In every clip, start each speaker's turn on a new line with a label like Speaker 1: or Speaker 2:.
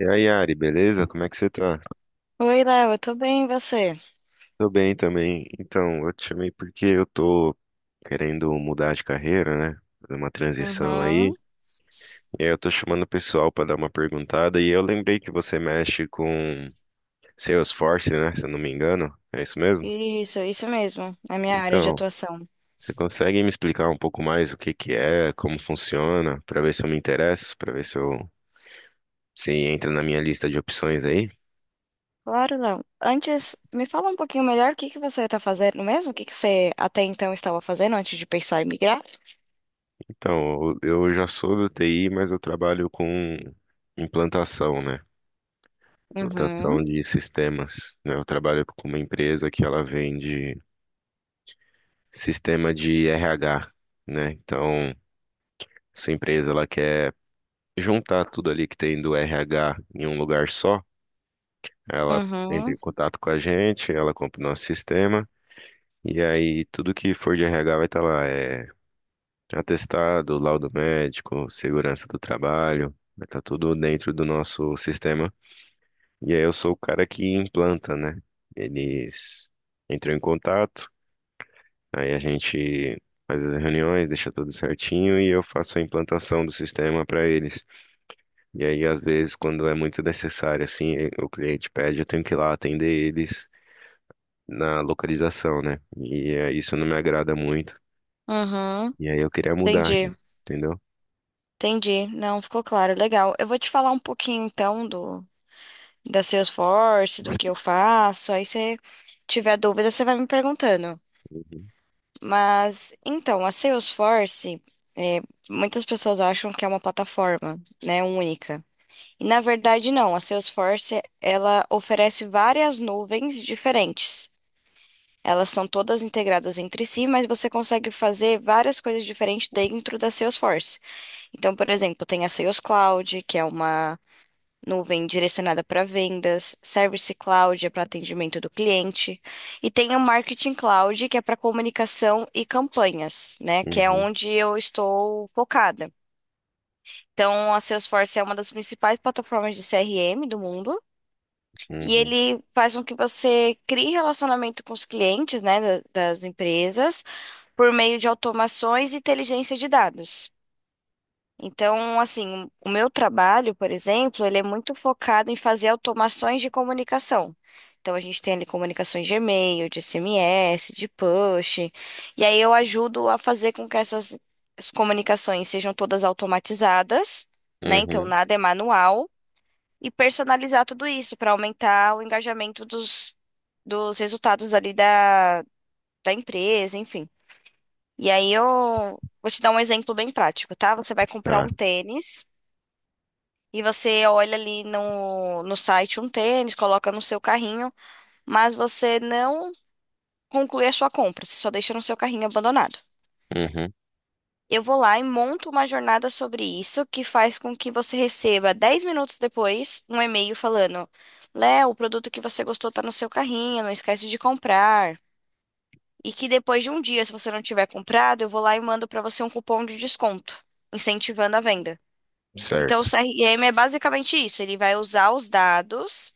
Speaker 1: E aí, Yari, beleza? Como é que você tá?
Speaker 2: Oi, Léo, eu tô bem, e você?
Speaker 1: Tô bem também. Então, eu te chamei porque eu tô querendo mudar de carreira, né? Fazer uma transição aí.
Speaker 2: Uhum.
Speaker 1: E aí eu tô chamando o pessoal pra dar uma perguntada. E eu lembrei que você mexe com Salesforce, né? Se eu não me engano. É isso mesmo?
Speaker 2: Isso mesmo, é minha área de
Speaker 1: Então,
Speaker 2: atuação.
Speaker 1: você consegue me explicar um pouco mais o que que é, como funciona, pra ver se eu me interesso, pra ver se eu se entra na minha lista de opções aí?
Speaker 2: Claro, Léo. Antes, me fala um pouquinho melhor o que que você tá fazendo mesmo? O que que você até então estava fazendo antes de pensar em migrar?
Speaker 1: Então, eu já sou do TI, mas eu trabalho com implantação, né?
Speaker 2: Uhum,
Speaker 1: Implantação de sistemas, né? Eu trabalho com uma empresa que ela vende sistema de RH, né? Então, sua empresa ela quer juntar tudo ali que tem do RH em um lugar só. Ela entra em
Speaker 2: uhum,
Speaker 1: contato com a gente, ela compra o nosso sistema. E aí, tudo que for de RH vai estar lá, é atestado, laudo médico, segurança do trabalho, vai estar tudo dentro do nosso sistema. E aí eu sou o cara que implanta, né? Eles entram em contato, aí a gente faz as reuniões, deixa tudo certinho e eu faço a implantação do sistema para eles. E aí, às vezes, quando é muito necessário, assim, o cliente pede, eu tenho que ir lá atender eles na localização, né? E isso não me agrada muito.
Speaker 2: uhum.
Speaker 1: E aí eu queria mudar, né?
Speaker 2: Entendi,
Speaker 1: Entendeu?
Speaker 2: entendi. Não, ficou claro, legal. Eu vou te falar um pouquinho então do da Salesforce, do que eu faço. Aí se tiver dúvida, você vai me perguntando.
Speaker 1: Uhum,
Speaker 2: Mas, então, a Salesforce, é, muitas pessoas acham que é uma plataforma, né, única. E, na verdade, não. A Salesforce, ela oferece várias nuvens diferentes. Elas são todas integradas entre si, mas você consegue fazer várias coisas diferentes dentro da Salesforce. Então, por exemplo, tem a Sales Cloud, que é uma nuvem direcionada para vendas, Service Cloud é para atendimento do cliente, e tem o Marketing Cloud, que é para comunicação e campanhas, né? Que é
Speaker 1: uhum,
Speaker 2: onde eu estou focada. Então, a Salesforce é uma das principais plataformas de CRM do mundo. E
Speaker 1: uhum,
Speaker 2: ele faz com que você crie relacionamento com os clientes, né, das empresas, por meio de automações e inteligência de dados. Então, assim, o meu trabalho, por exemplo, ele é muito focado em fazer automações de comunicação. Então, a gente tem ali comunicações de e-mail, de SMS, de push. E aí eu ajudo a fazer com que essas as comunicações sejam todas automatizadas, né? Então,
Speaker 1: uhum.
Speaker 2: nada é manual. E personalizar tudo isso para aumentar o engajamento dos, dos resultados ali da, da empresa, enfim. E aí eu vou te dar um exemplo bem prático, tá? Você vai comprar um
Speaker 1: Tá,
Speaker 2: tênis. E você olha ali no, no site um tênis, coloca no seu carrinho, mas você não conclui a sua compra, você só deixa no seu carrinho abandonado.
Speaker 1: uhum,
Speaker 2: Eu vou lá e monto uma jornada sobre isso, que faz com que você receba 10 minutos depois um e-mail falando: Léo, o produto que você gostou está no seu carrinho, não esquece de comprar. E que depois de um dia, se você não tiver comprado, eu vou lá e mando para você um cupom de desconto, incentivando a venda. Então, o
Speaker 1: certo.
Speaker 2: CRM é basicamente isso. Ele vai usar os dados,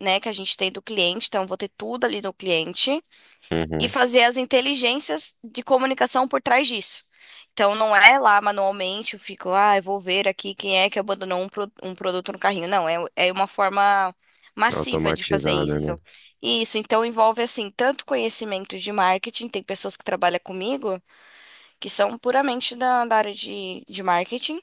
Speaker 2: né, que a gente tem do cliente, então eu vou ter tudo ali do cliente e
Speaker 1: Uhum,
Speaker 2: fazer as inteligências de comunicação por trás disso. Então, não é lá manualmente, eu fico, ah, eu vou ver aqui quem é que abandonou um produto no carrinho. Não, é uma forma massiva de fazer
Speaker 1: automatizada,
Speaker 2: isso.
Speaker 1: né?
Speaker 2: E isso, então, envolve, assim, tanto conhecimento de marketing, tem pessoas que trabalham comigo que são puramente da, da área de marketing,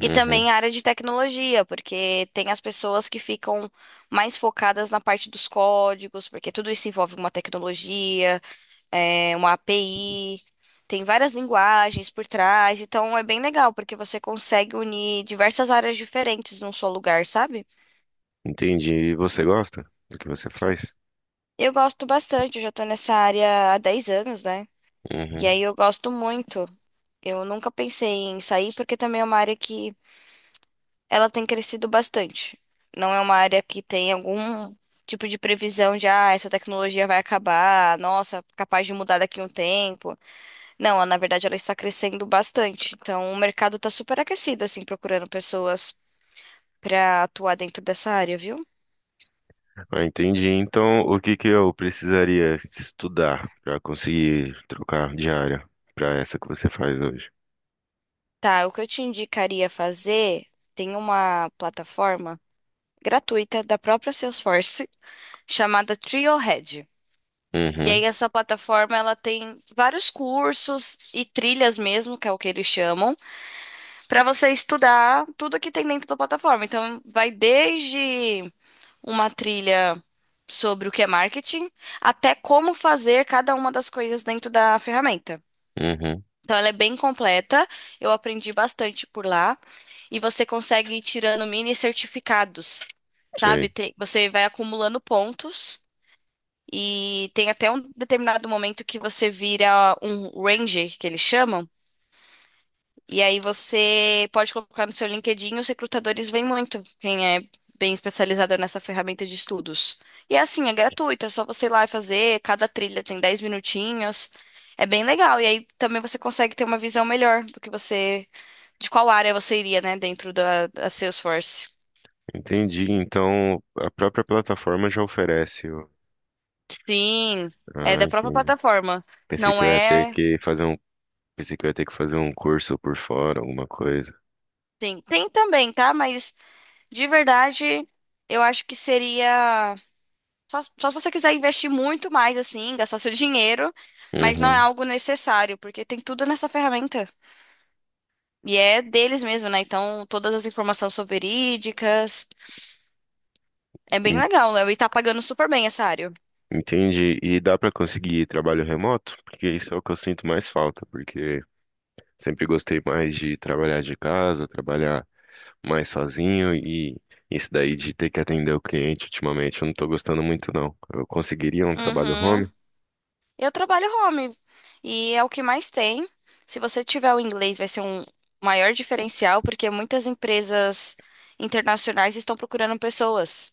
Speaker 2: e
Speaker 1: Uhum.
Speaker 2: também a área de tecnologia, porque tem as pessoas que ficam mais focadas na parte dos códigos, porque tudo isso envolve uma tecnologia, uma API, tem várias linguagens por trás, então é bem legal, porque você consegue unir diversas áreas diferentes num só lugar, sabe?
Speaker 1: Entendi. E você gosta do que você faz?
Speaker 2: Eu gosto bastante, eu já tô nessa área há 10 anos, né? E
Speaker 1: Uhum.
Speaker 2: aí eu gosto muito. Eu nunca pensei em sair, porque também é uma área que ela tem crescido bastante. Não é uma área que tem algum tipo de previsão de, ah, essa tecnologia vai acabar, nossa, capaz de mudar daqui a um tempo. Não, na verdade ela está crescendo bastante. Então o mercado está super aquecido, assim, procurando pessoas para atuar dentro dessa área, viu?
Speaker 1: Ah, entendi. Então, o que que eu precisaria estudar para conseguir trocar de área para essa que você faz hoje?
Speaker 2: Tá, o que eu te indicaria fazer, tem uma plataforma gratuita da própria Salesforce chamada Trailhead. E
Speaker 1: Uhum,
Speaker 2: aí essa plataforma ela tem vários cursos e trilhas mesmo, que é o que eles chamam, para você estudar tudo que tem dentro da plataforma. Então vai desde uma trilha sobre o que é marketing até como fazer cada uma das coisas dentro da ferramenta.
Speaker 1: uhum,
Speaker 2: Então ela é bem completa, eu aprendi bastante por lá e você consegue ir tirando mini certificados, sabe?
Speaker 1: sei.
Speaker 2: Você vai acumulando pontos. E tem até um determinado momento que você vira um ranger, que eles chamam, e aí você pode colocar no seu LinkedIn, os recrutadores veem muito quem é bem especializado nessa ferramenta de estudos. E é assim, é gratuito, é só você ir lá e fazer, cada trilha tem 10 minutinhos. É bem legal, e aí também você consegue ter uma visão melhor do que você, de qual área você iria, né, dentro da, da Salesforce.
Speaker 1: Entendi. Então, a própria plataforma já oferece.
Speaker 2: Sim, é
Speaker 1: Ah,
Speaker 2: da própria
Speaker 1: entendi.
Speaker 2: plataforma.
Speaker 1: Pensei que
Speaker 2: Não
Speaker 1: eu ia ter
Speaker 2: é.
Speaker 1: que fazer um, Pensei que eu ia ter que fazer um curso por fora, alguma coisa.
Speaker 2: Sim, tem também, tá? Mas de verdade, eu acho que seria. Só, só se você quiser investir muito mais, assim, gastar seu dinheiro, mas não é
Speaker 1: Uhum.
Speaker 2: algo necessário, porque tem tudo nessa ferramenta. E é deles mesmo, né? Então, todas as informações são verídicas. É bem
Speaker 1: en-
Speaker 2: legal, né? E tá pagando super bem essa área.
Speaker 1: Entendi. E dá para conseguir trabalho remoto? Porque isso é o que eu sinto mais falta, porque sempre gostei mais de trabalhar de casa, trabalhar mais sozinho e isso daí de ter que atender o cliente ultimamente, eu não tô gostando muito não. Eu conseguiria um trabalho
Speaker 2: Uhum.
Speaker 1: home?
Speaker 2: Eu trabalho home, e é o que mais tem. Se você tiver o inglês, vai ser um maior diferencial, porque muitas empresas internacionais estão procurando pessoas.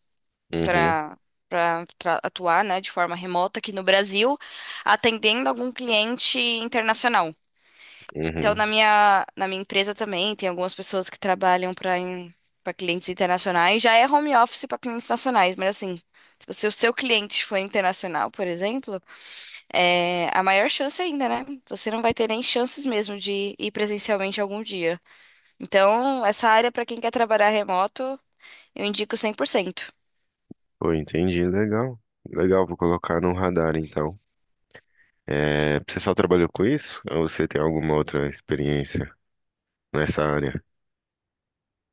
Speaker 1: Uhum,
Speaker 2: para para atuar, né, de forma remota aqui no Brasil, atendendo algum cliente internacional. Então,
Speaker 1: uhum.
Speaker 2: na minha empresa também tem algumas pessoas que trabalham para clientes internacionais. Já é home office para clientes nacionais, mas assim, se você- o seu cliente for internacional, por exemplo, é a maior chance ainda, né? Você não vai ter nem chances mesmo de ir presencialmente algum dia. Então, essa área para quem quer trabalhar remoto, eu indico 100%.
Speaker 1: Pô, entendi, legal. Legal, vou colocar no radar então. É, você só trabalhou com isso? Ou você tem alguma outra experiência nessa área?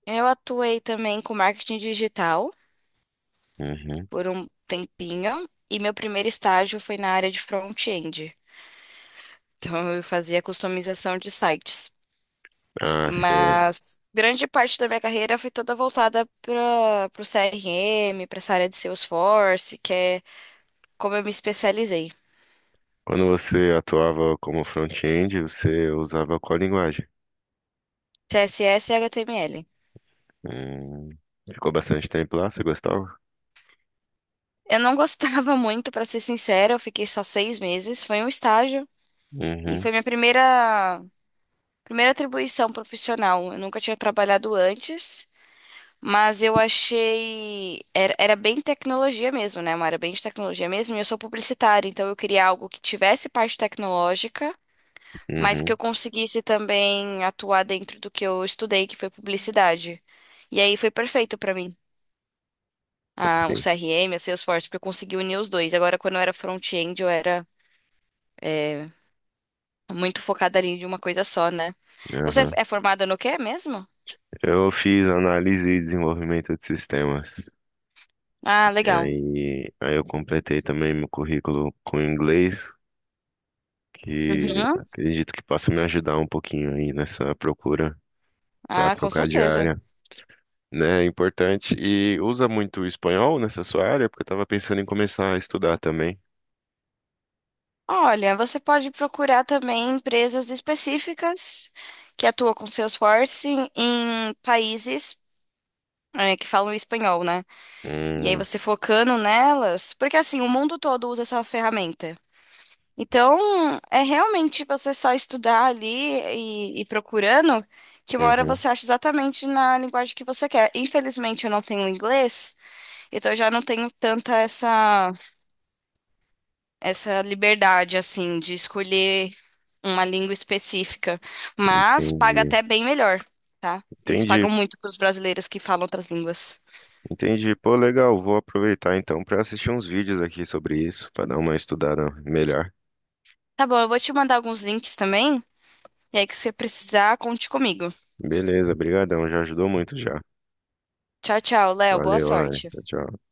Speaker 2: Eu atuei também com marketing digital
Speaker 1: Uhum.
Speaker 2: por um tempinho e meu primeiro estágio foi na área de front-end. Então eu fazia customização de sites.
Speaker 1: Ah, você.
Speaker 2: Mas grande parte da minha carreira foi toda voltada para o CRM, para essa área de Salesforce, que é como eu me especializei.
Speaker 1: Quando você atuava como front-end, você usava qual linguagem?
Speaker 2: CSS e HTML.
Speaker 1: Hum. Ficou bastante tempo lá, você gostava?
Speaker 2: Eu não gostava muito, para ser sincera, eu fiquei só 6 meses, foi um estágio e
Speaker 1: Uhum.
Speaker 2: foi minha primeira primeira atribuição profissional. Eu nunca tinha trabalhado antes. Mas eu achei. Era bem tecnologia mesmo, né? Uma área bem de tecnologia mesmo. E eu sou publicitária, então eu queria algo que tivesse parte tecnológica, mas que eu
Speaker 1: Uhum,
Speaker 2: conseguisse também atuar dentro do que eu estudei, que foi publicidade. E aí foi perfeito pra mim. Ah, o
Speaker 1: sim.
Speaker 2: CRM, a Salesforce, porque eu consegui unir os dois. Agora, quando eu era front-end, eu era é, muito focada ali em uma coisa só, né? Você
Speaker 1: Aham.
Speaker 2: é formada no quê mesmo?
Speaker 1: Eu fiz análise e desenvolvimento de sistemas.
Speaker 2: Ah,
Speaker 1: E
Speaker 2: legal.
Speaker 1: aí, aí eu completei também meu currículo com inglês, que
Speaker 2: Uhum.
Speaker 1: acredito que possa me ajudar um pouquinho aí nessa procura para
Speaker 2: Ah, com
Speaker 1: trocar de
Speaker 2: certeza.
Speaker 1: área, né? É importante. E usa muito espanhol nessa sua área, porque eu estava pensando em começar a estudar também.
Speaker 2: Olha, você pode procurar também empresas específicas que atuam com Salesforce em países, que falam espanhol, né? E aí
Speaker 1: Hum,
Speaker 2: você focando nelas, porque assim, o mundo todo usa essa ferramenta. Então, é realmente você só estudar ali e procurando, que uma hora
Speaker 1: uhum,
Speaker 2: você acha exatamente na linguagem que você quer. Infelizmente, eu não tenho inglês, então eu já não tenho tanta essa liberdade, assim, de escolher uma língua específica, mas
Speaker 1: entendi.
Speaker 2: paga até bem melhor, tá? Eles
Speaker 1: Entendi,
Speaker 2: pagam muito para os brasileiros que falam outras línguas.
Speaker 1: entendi. Pô, legal, vou aproveitar então para assistir uns vídeos aqui sobre isso, para dar uma estudada melhor.
Speaker 2: Tá bom, eu vou te mandar alguns links também, e aí que você precisar, conte comigo.
Speaker 1: Beleza, brigadão, já ajudou muito já.
Speaker 2: Tchau, tchau, Léo, boa
Speaker 1: Valeu, Ana.
Speaker 2: sorte.
Speaker 1: Tchau, tchau.